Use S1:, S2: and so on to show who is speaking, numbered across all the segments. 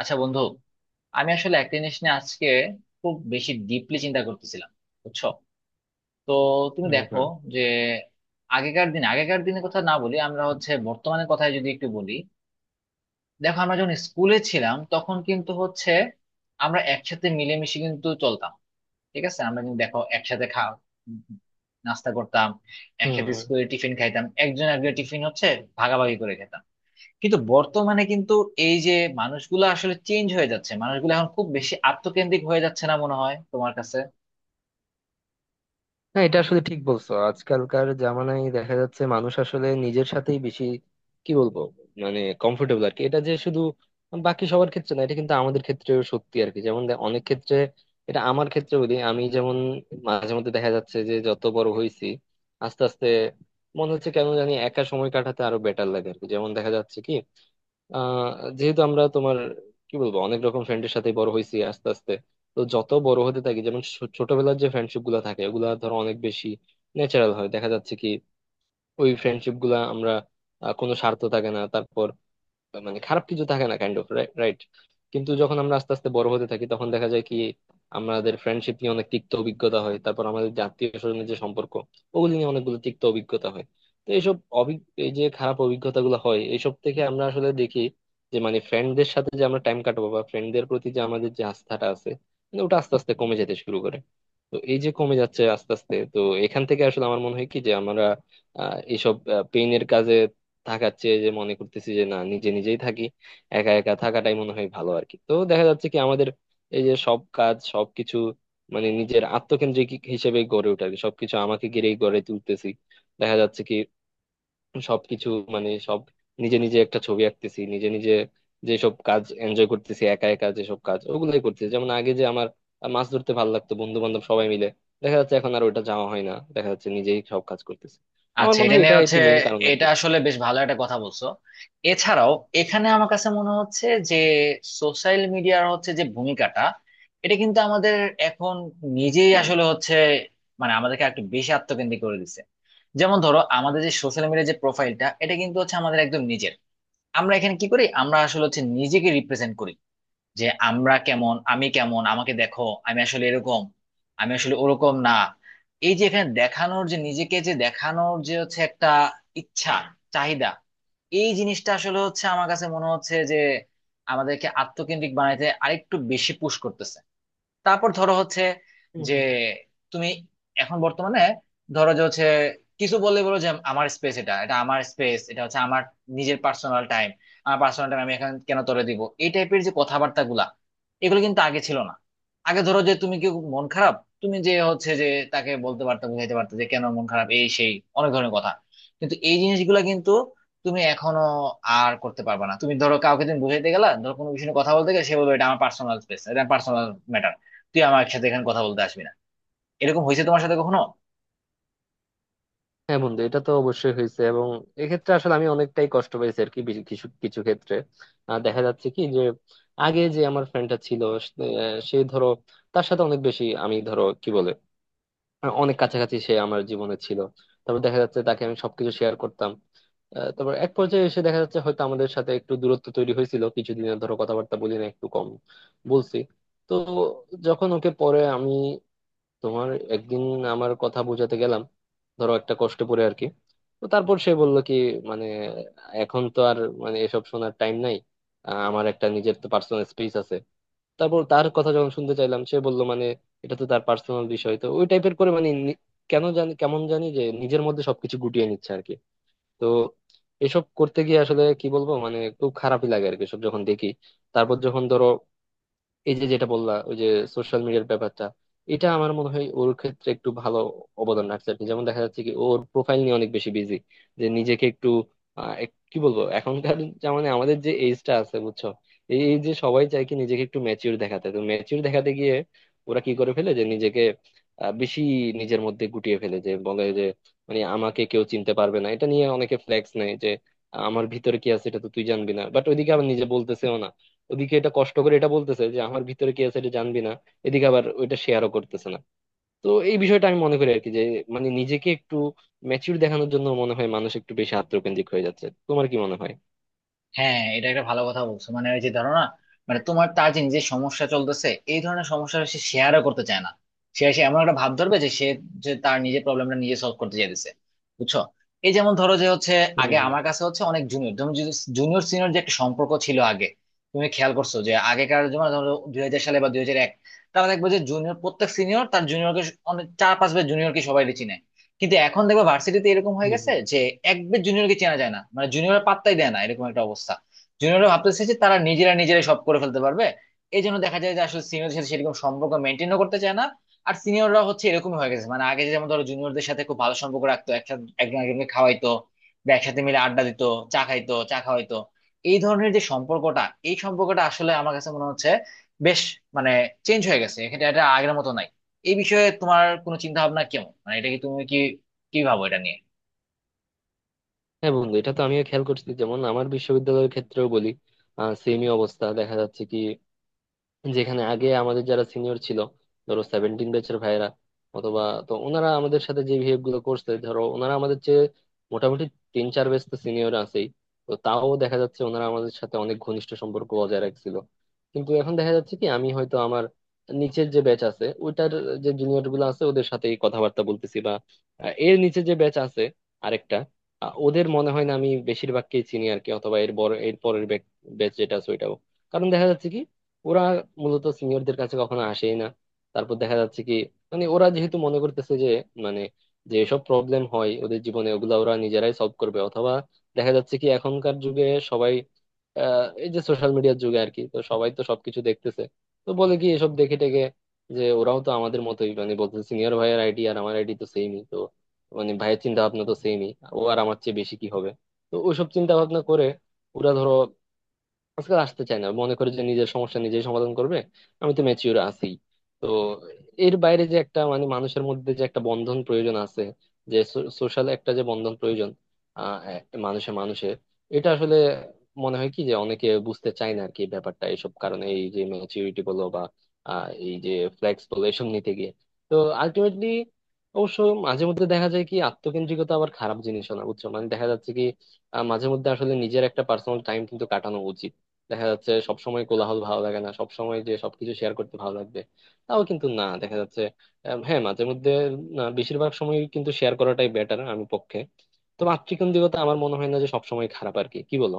S1: আচ্ছা বন্ধু, আমি আসলে একটা জিনিস নিয়ে আজকে খুব বেশি ডিপলি চিন্তা করতেছিলাম, বুঝছো? তো তুমি
S2: হম
S1: দেখো
S2: হম
S1: যে আগেকার দিনের কথা না বলি, আমরা হচ্ছে বর্তমানের কথাই যদি একটু বলি। দেখো, আমরা যখন স্কুলে ছিলাম তখন কিন্তু হচ্ছে আমরা একসাথে মিলেমিশে কিন্তু চলতাম। ঠিক আছে, আমরা কিন্তু দেখো একসাথে খাওয়া নাস্তা করতাম, একসাথে
S2: হম।
S1: স্কুলে টিফিন খাইতাম, একজন একজন টিফিন হচ্ছে ভাগাভাগি করে খেতাম। কিন্তু বর্তমানে কিন্তু এই যে মানুষগুলো আসলে চেঞ্জ হয়ে যাচ্ছে, মানুষগুলো এখন খুব বেশি আত্মকেন্দ্রিক হয়ে যাচ্ছে না মনে হয় তোমার কাছে?
S2: না, এটা আসলে ঠিক বলছো। আজকালকার জামানায় দেখা যাচ্ছে মানুষ আসলে নিজের সাথেই বেশি কি বলবো, মানে কমফোর্টেবল আর কি। এটা যে শুধু বাকি সবার ক্ষেত্রে না, এটা কিন্তু আমাদের ক্ষেত্রেও সত্যি আর কি। যেমন অনেক ক্ষেত্রে এটা আমার ক্ষেত্রে বলি, আমি যেমন মাঝে মধ্যে দেখা যাচ্ছে যে যত বড় হয়েছি আস্তে আস্তে মনে হচ্ছে কেন জানি একা সময় কাটাতে আরো বেটার লাগে আর কি। যেমন দেখা যাচ্ছে কি আহ যেহেতু আমরা তোমার কি বলবো অনেক রকম ফ্রেন্ডের সাথে বড় হয়েছি আস্তে আস্তে, তো যত বড় হতে থাকি যেমন ছোটবেলার যে ফ্রেন্ডশিপ গুলা থাকে ওগুলা ধরো অনেক বেশি ন্যাচারাল হয়। দেখা যাচ্ছে কি ওই ফ্রেন্ডশিপ গুলা আমরা কোনো স্বার্থ থাকে না, তারপর মানে খারাপ কিছু থাকে না, কাইন্ড অফ রাইট। কিন্তু যখন আমরা আস্তে আস্তে বড় হতে থাকি তখন দেখা যায় কি আমাদের ফ্রেন্ডশিপ নিয়ে অনেক তিক্ত অভিজ্ঞতা হয়, তারপর আমাদের যে আত্মীয় স্বজনের যে সম্পর্ক ওগুলি নিয়ে অনেকগুলো তিক্ত অভিজ্ঞতা হয়। তো এইসব এই যে খারাপ অভিজ্ঞতা গুলো হয়, এইসব থেকে আমরা আসলে দেখি যে মানে ফ্রেন্ডদের সাথে যে আমরা টাইম কাটাবো বা ফ্রেন্ডদের প্রতি যে আমাদের যে আস্থাটা আছে মানে ওটা আস্তে আস্তে কমে যেতে শুরু করে। তো এই যে কমে যাচ্ছে আস্তে আস্তে, তো এখান থেকে আসলে আমার মনে হয় কি যে আমরা এইসব পেইনের কাজে থাকার চেয়ে যে মনে করতেছি যে না, নিজে নিজেই থাকি, একা একা থাকাটাই মনে হয় ভালো আর কি। তো দেখা যাচ্ছে কি আমাদের এই যে সব কাজ সবকিছু মানে নিজের আত্মকেন্দ্রিক হিসেবে গড়ে ওঠে আর কি, সবকিছু আমাকে ঘিরেই গড়ে তুলতেছি। দেখা যাচ্ছে কি সবকিছু মানে সব নিজে নিজে একটা ছবি আঁকতেছি নিজে নিজে, যেসব কাজ এনজয় করতেছি একা একা, যেসব কাজ ওগুলাই করতেছি। যেমন আগে যে আমার মাছ ধরতে ভালো লাগতো বন্ধু বান্ধব সবাই মিলে, দেখা যাচ্ছে এখন আর ওটা যাওয়া হয় না, দেখা যাচ্ছে নিজেই সব কাজ করতেছি। আমার
S1: আচ্ছা,
S2: মনে
S1: এটা
S2: হয়
S1: নিয়ে
S2: এটা
S1: হচ্ছে
S2: একটি মেইন কারণ আর
S1: এটা
S2: কি।
S1: আসলে বেশ ভালো একটা কথা বলছো। এছাড়াও এখানে আমার কাছে মনে হচ্ছে যে সোশ্যাল মিডিয়ার হচ্ছে যে ভূমিকাটা, এটা কিন্তু আমাদের এখন নিজেই আসলে হচ্ছে মানে আমাদেরকে একটু বেশি আত্মকেন্দ্রিক করে দিচ্ছে। যেমন ধরো, আমাদের যে সোশ্যাল মিডিয়ার যে প্রোফাইলটা, এটা কিন্তু হচ্ছে আমাদের একদম নিজের। আমরা এখানে কি করি? আমরা আসলে হচ্ছে নিজেকে রিপ্রেজেন্ট করি যে আমরা কেমন, আমি কেমন, আমাকে দেখো, আমি আসলে এরকম, আমি আসলে ওরকম না। এই যে এখানে দেখানোর যে নিজেকে, যে দেখানোর যে হচ্ছে একটা ইচ্ছা, চাহিদা, এই জিনিসটা আসলে হচ্ছে আমার কাছে মনে হচ্ছে যে আমাদেরকে আত্মকেন্দ্রিক বানাইতে আরেকটু বেশি পুশ করতেছে। তারপর ধরো হচ্ছে
S2: হুম
S1: যে
S2: হুম।
S1: তুমি এখন বর্তমানে ধরো যে হচ্ছে কিছু বললে বলো যে আমার স্পেস, এটা এটা আমার স্পেস, এটা হচ্ছে আমার নিজের পার্সোনাল টাইম, আমার পার্সোনাল টাইম আমি এখন কেন তোরে দিব, এই টাইপের যে কথাবার্তা গুলা, এগুলো কিন্তু আগে ছিল না। আগে ধরো যে তুমি, কেউ মন খারাপ, তুমি যে হচ্ছে যে তাকে বলতে পারতো, বুঝাইতে পারতো যে কেন মন খারাপ, এই সেই অনেক ধরনের কথা। কিন্তু এই জিনিসগুলা কিন্তু তুমি এখনো আর করতে পারবে না। তুমি ধরো কাউকে তুমি বুঝাইতে গেলা, ধরো কোনো বিষয়ে কথা বলতে গেলে, সে বলবে এটা আমার পার্সোনাল স্পেস, এটা পার্সোনাল ম্যাটার, তুই আমার সাথে এখানে কথা বলতে আসবি না। এরকম হয়েছে তোমার সাথে কখনো?
S2: হ্যাঁ বন্ধু, এটা তো অবশ্যই হয়েছে, এবং এক্ষেত্রে আসলে আমি অনেকটাই কষ্ট পেয়েছি আর কি। কিছু কিছু ক্ষেত্রে দেখা যাচ্ছে কি যে আগে যে আমার ফ্রেন্ডটা ছিল সে সে ধরো তার সাথে অনেক বেশি আমি ধরো কি বলে অনেক কাছাকাছি সে আমার জীবনে ছিল। তারপর দেখা যাচ্ছে তাকে আমি সবকিছু শেয়ার করতাম। তারপর এক পর্যায়ে এসে দেখা যাচ্ছে হয়তো আমাদের সাথে একটু দূরত্ব তৈরি হয়েছিল, কিছুদিনের ধরো কথাবার্তা বলি না, একটু কম বলছি। তো যখন ওকে পরে আমি তোমার একদিন আমার কথা বোঝাতে গেলাম, ধরো একটা কষ্ট করে আর কি, তো তারপর সে বলল কি মানে এখন তো আর মানে এসব শোনার টাইম নাই, আমার একটা নিজের তো পার্সোনাল স্পেস আছে। তারপর তার কথা যখন শুনতে চাইলাম সে বলল মানে এটা তো তার পার্সোনাল বিষয়, তো ওই টাইপের করে মানে কেন জানি কেমন জানি যে নিজের মধ্যে সবকিছু গুটিয়ে নিচ্ছে আর কি। তো এসব করতে গিয়ে আসলে কি বলবো, মানে খুব খারাপই লাগে আর কি সব যখন দেখি। তারপর যখন ধরো এই যে যেটা বললা ওই যে সোশ্যাল মিডিয়ার ব্যাপারটা, এটা আমার মনে হয় ওর ক্ষেত্রে একটু ভালো অবদান রাখছে আর কি। যেমন দেখা যাচ্ছে কি ওর প্রোফাইল নিয়ে অনেক বেশি বিজি যে নিজেকে একটু কি বলবো এখনকার, মানে আমাদের যে এজটা আছে বুঝছো, এই এই যে সবাই চায় কি নিজেকে একটু ম্যাচিউর দেখাতে, তো ম্যাচিউর দেখাতে গিয়ে ওরা কি করে ফেলে যে নিজেকে বেশি নিজের মধ্যে গুটিয়ে ফেলে, যে বলে যে মানে আমাকে কেউ চিনতে পারবে না, এটা নিয়ে অনেকে ফ্লেক্স নেয় যে আমার ভিতরে কি আছে এটা তো তুই জানবি না, বাট ওইদিকে আবার নিজে বলতেছেও না। ওদিকে এটা কষ্ট করে এটা বলতেছে যে আমার ভিতরে কি আছে এটা জানবি না, এদিকে আবার ওইটা শেয়ারও করতেছে না। তো এই বিষয়টা আমি মনে করি আর কি যে মানে নিজেকে একটু ম্যাচিউর দেখানোর জন্য মনে হয় মানুষ একটু বেশি আত্মকেন্দ্রিক হয়ে যাচ্ছে। তোমার কি মনে হয়?
S1: হ্যাঁ, এটা একটা ভালো কথা বলছো। মানে ওই যে ধরো না, মানে তোমার তাজিন যে সমস্যা চলতেছে, এই ধরনের সমস্যা সে শেয়ারও করতে চায় না। সে এসে এমন একটা ভাব ধরবে যে সে, যে তার নিজের প্রবলেমটা নিজে সলভ করতে চাইতেছে, বুঝছো? এই যেমন ধরো যে হচ্ছে
S2: হুম
S1: আগে
S2: হুম।
S1: আমার কাছে হচ্ছে অনেক জুনিয়র, তুমি জুনিয়র সিনিয়র যে একটা সম্পর্ক ছিল আগে, তুমি খেয়াল করছো যে আগেকার যেমন ধরো 2000 সালে বা 2001, তারা দেখবে যে জুনিয়র, প্রত্যেক সিনিয়র তার জুনিয়রকে, অনেক চার পাঁচ বার জুনিয়রকে সবাই চিনে। কিন্তু এখন দেখবে ভার্সিটিতে এরকম হয়ে
S2: হুম
S1: গেছে
S2: হুম।
S1: যে একবার জুনিয়রকে চেনা যায় না, মানে জুনিয়র পাত্তাই দেয় না, এরকম একটা অবস্থা। জুনিয়ররা ভাবতেছে যে তারা নিজেরা নিজেরাই সব করে ফেলতে পারবে। এই জন্য দেখা যায় যে আসলে সিনিয়রদের সাথে সেরকম সম্পর্ক মেনটেনও করতে চায় না। আর সিনিয়ররা হচ্ছে এরকমই হয়ে গেছে, মানে আগে যেমন ধরো জুনিয়রদের সাথে খুব ভালো সম্পর্ক রাখতো, একসাথে একজন একজনকে খাওয়াইতো বা একসাথে মিলে আড্ডা দিত, চা খাইতো, চা খাওয়াইতো। এই ধরনের যে সম্পর্কটা, এই সম্পর্কটা আসলে আমার কাছে মনে হচ্ছে বেশ, মানে চেঞ্জ হয়ে গেছে, এটা এটা আগের মতো নাই। এই বিষয়ে তোমার কোনো চিন্তা ভাবনা কেমন, মানে এটা কি, তুমি কি, কি ভাবো এটা নিয়ে?
S2: হ্যাঁ বন্ধু, এটা তো আমিও খেয়াল করছি। যেমন আমার বিশ্ববিদ্যালয়ের ক্ষেত্রেও বলি, সেমই অবস্থা দেখা যাচ্ছে কি যেখানে আগে আমাদের যারা সিনিয়র ছিল ধরো 17 ব্যাচের ভাইয়েরা অথবা, তো ওনারা আমাদের সাথে যে বিহেভ গুলো করছে ধরো ওনারা আমাদের চেয়ে মোটামুটি 3-4 ব্যাচ তো সিনিয়র আছেই, তো তাও দেখা যাচ্ছে ওনারা আমাদের সাথে অনেক ঘনিষ্ঠ সম্পর্ক বজায় রাখছিল। কিন্তু এখন দেখা যাচ্ছে কি আমি হয়তো আমার নিচের যে ব্যাচ আছে ওইটার যে জুনিয়র গুলো আছে ওদের সাথেই কথাবার্তা বলতেছি, বা এর নিচে যে ব্যাচ আছে আরেকটা, ওদের মনে হয় না আমি বেশিরভাগকেই চিনি আর কি, অথবা এর বড় এর পরের ব্যাচ যেটা আছে ওইটাও। কারণ দেখা যাচ্ছে কি ওরা মূলত সিনিয়রদের কাছে কখনো আসেই না। তারপর দেখা যাচ্ছে কি মানে ওরা যেহেতু মনে করতেছে যে মানে যে সব প্রবলেম হয় ওদের জীবনে ওগুলা ওরা নিজেরাই সলভ করবে, অথবা দেখা যাচ্ছে কি এখনকার যুগে সবাই এই যে সোশ্যাল মিডিয়ার যুগে আর কি, তো সবাই তো সবকিছু দেখতেছে, তো বলে কি এসব দেখে টেকে যে ওরাও তো আমাদের মতোই, মানে বলতেছে সিনিয়র ভাইয়ের আইডি আর আমার আইডি তো সেমই, তো মানে ভাইয়ের চিন্তা ভাবনা তো সেমই, ও আর আমার চেয়ে বেশি কি হবে। তো ওইসব চিন্তা ভাবনা করে ওরা ধরো আজকাল আসতে চায় না, মনে করে যে নিজের সমস্যা নিজেই সমাধান করবে, আমি তো ম্যাচিওর আছি। তো এর বাইরে যে একটা মানে মানুষের মধ্যে যে একটা বন্ধন প্রয়োজন আছে, যে সোশ্যাল একটা যে বন্ধন প্রয়োজন একটা মানুষে মানুষে, এটা আসলে মনে হয় কি যে অনেকে বুঝতে চায় না আর কি ব্যাপারটা, এইসব কারণে এই যে ম্যাচিউরিটি বলো বা এই যে ফ্লেক্স বলো এসব নিতে গিয়ে। তো আলটিমেটলি অবশ্য মাঝে মধ্যে দেখা যায় কি আত্মকেন্দ্রিকতা আবার খারাপ জিনিসও না বুঝছো, মানে দেখা যাচ্ছে কি মাঝে মধ্যে আসলে নিজের একটা পার্সোনাল টাইম কিন্তু কাটানো উচিত। দেখা যাচ্ছে সবসময় কোলাহল ভালো লাগে না, সবসময় যে সবকিছু শেয়ার করতে ভালো লাগবে তাও কিন্তু না দেখা যাচ্ছে। হ্যাঁ মাঝে মধ্যে, না বেশিরভাগ সময় কিন্তু শেয়ার করাটাই বেটার, আমি পক্ষে। তো মাতৃকেন্দ্রিকতা আমার মনে হয় না যে সবসময় খারাপ আর কি, কি বলো?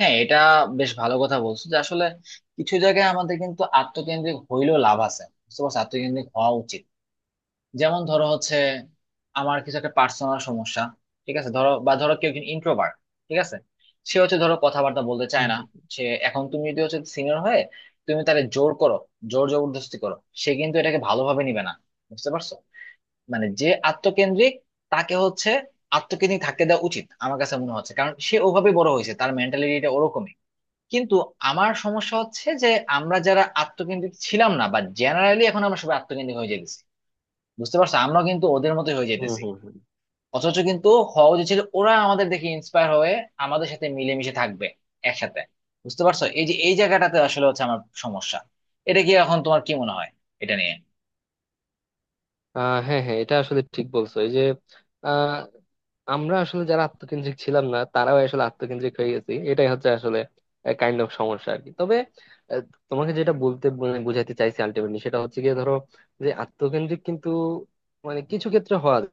S1: হ্যাঁ, এটা বেশ ভালো কথা বলছো যে আসলে কিছু জায়গায় আমাদের কিন্তু আত্মকেন্দ্রিক হইলেও লাভ আছে, বুঝতে পারছো, আত্মকেন্দ্রিক হওয়া উচিত। যেমন ধরো হচ্ছে আমার কিছু একটা পার্সোনাল সমস্যা, ঠিক আছে, ধরো বা ধরো কেউ একজন ইন্ট্রোভার্ট, ঠিক আছে, সে হচ্ছে ধরো কথাবার্তা বলতে চায় না।
S2: হম
S1: সে এখন, তুমি যদি হচ্ছে সিনিয়র হয়ে তুমি তাকে জোর করো, জোর জবরদস্তি করো, সে কিন্তু এটাকে ভালোভাবে নিবে না, বুঝতে পারছো? মানে যে আত্মকেন্দ্রিক, তাকে হচ্ছে আত্মকেন্দ্রিক থাকতে দেওয়া উচিত আমার কাছে মনে হচ্ছে, কারণ সে ওভাবে বড় হয়েছে, তার মেন্টালিটিটা ওরকমই। কিন্তু আমার সমস্যা হচ্ছে যে আমরা যারা আত্মকেন্দ্রিক ছিলাম না বা জেনারেলি, এখন আমরা সবাই আত্মকেন্দ্রিক হয়ে যেতেছি, বুঝতে পারছো, আমরা কিন্তু ওদের মতো হয়ে
S2: হম
S1: যেতেছি।
S2: হম।
S1: অথচ কিন্তু হওয়া উচিত ছিল ওরা আমাদের দেখে ইন্সপায়ার হয়ে আমাদের সাথে মিলেমিশে থাকবে, একসাথে। বুঝতে পারছো, এই যে এই জায়গাটাতে আসলে হচ্ছে আমার সমস্যা। এটা কি, এখন তোমার কি মনে হয় এটা নিয়ে?
S2: হ্যাঁ হ্যাঁ, এটা আসলে ঠিক বলছো। এই যে আহ আমরা আসলে যারা আত্মকেন্দ্রিক ছিলাম না তারাও আসলে আত্মকেন্দ্রিক হয়ে গেছি, এটাই হচ্ছে আসলে কাইন্ড অফ সমস্যা আর কি। তবে আহ, তোমাকে যেটা বলতে মানে বোঝাতে চাইছি আলটিমেটলি সেটা হচ্ছে গিয়ে ধরো যে আত্মকেন্দ্রিক কিন্তু মানে কিছু ক্ষেত্রে হওয়া যায়।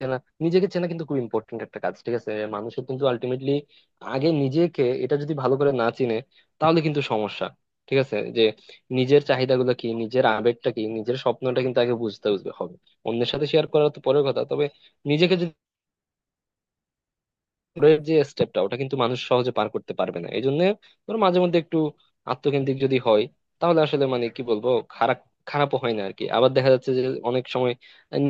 S2: চেনা, নিজেকে চেনা কিন্তু খুব ইম্পর্টেন্ট একটা কাজ, ঠিক আছে মানুষের কিন্তু আলটিমেটলি। আগে নিজেকে এটা যদি ভালো করে না চিনে তাহলে কিন্তু সমস্যা, ঠিক আছে? যে নিজের চাহিদাগুলো কি, নিজের আবেগটা কি, নিজের স্বপ্নটা কিন্তু আগে বুঝতে বুঝতে হবে। অন্যের সাথে শেয়ার করা তো পরের কথা। তবে নিজেকে যদি এর যে স্টেপটা ওটা কিন্তু মানুষ সহজে পার করতে পারবে না, এই জন্য ধরো মাঝে মধ্যে একটু আত্মকেন্দ্রিক যদি হয় তাহলে আসলে মানে কি বলবো, খারাপ, খারাপও হয় না আর কি। আবার দেখা যাচ্ছে যে অনেক সময়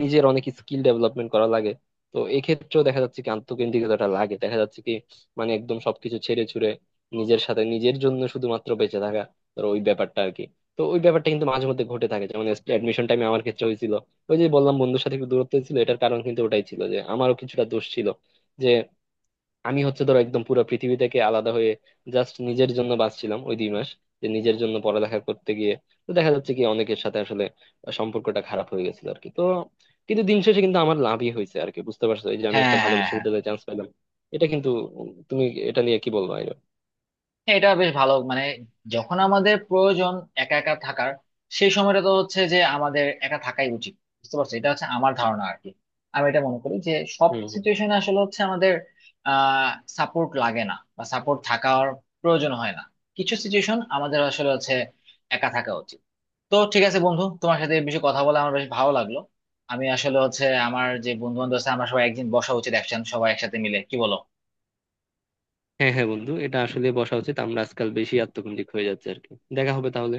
S2: নিজের অনেক স্কিল ডেভেলপমেন্ট করা লাগে, তো এক্ষেত্রেও দেখা যাচ্ছে কি আত্মকেন্দ্রিকতাটা লাগে দেখা যাচ্ছে কি, মানে একদম সবকিছু ছেড়ে ছুড়ে নিজের সাথে নিজের জন্য শুধুমাত্র বেঁচে থাকা ধরো ওই ব্যাপারটা আর কি। তো ওই ব্যাপারটা কিন্তু মাঝে মধ্যে ঘটে থাকে। যেমন অ্যাডমিশন টাইমে আমার ক্ষেত্রে হয়েছিল, ওই যে বললাম বন্ধুর সাথে একটু দূরত্ব ছিল, এটার কারণ কিন্তু ওটাই ছিল, যে আমারও কিছুটা দোষ ছিল যে আমি হচ্ছে ধরো একদম পুরো পৃথিবী থেকে আলাদা হয়ে জাস্ট নিজের জন্য বাঁচছিলাম ওই 2 মাস, যে নিজের জন্য পড়ালেখা করতে গিয়ে। তো দেখা যাচ্ছে কি অনেকের সাথে আসলে সম্পর্কটা খারাপ হয়ে গেছিল আর কি। তো কিন্তু দিন শেষে কিন্তু আমার লাভই হয়েছে আর কি, বুঝতে পারছো, এই যে আমি
S1: হ্যাঁ,
S2: একটা ভালো
S1: হ্যাঁ, হ্যাঁ,
S2: বিশ্ববিদ্যালয়ে চান্স পেলাম। এটা কিন্তু, তুমি এটা নিয়ে কি বলবো আইরো।
S1: হ্যাঁ, এটা বেশ ভালো মানে, যখন আমাদের প্রয়োজন একা একা থাকার, সেই সময়টা তো হচ্ছে যে আমাদের একা থাকাই উচিত। বুঝতে পারছো, এটা হচ্ছে আমার ধারণা আর কি। আমি এটা মনে করি যে সব
S2: হম হম।
S1: সিচুয়েশনে আসলে হচ্ছে আমাদের আহ সাপোর্ট লাগে না বা সাপোর্ট থাকার প্রয়োজন হয় না। কিছু সিচুয়েশন আমাদের আসলে হচ্ছে একা থাকা উচিত। তো ঠিক আছে বন্ধু, তোমার সাথে এই বিষয়ে কথা বলে আমার বেশ ভালো লাগলো। আমি আসলে হচ্ছে আমার যে বন্ধু বান্ধব আছে আমরা সবাই একদিন বসা উচিত, একসাথে সবাই একসাথে মিলে, কি বলো?
S2: হ্যাঁ হ্যাঁ বন্ধু, এটা আসলে বসা উচিত। আমরা আজকাল বেশি আত্মকেন্দ্রিক হয়ে যাচ্ছে আর কি। দেখা হবে তাহলে।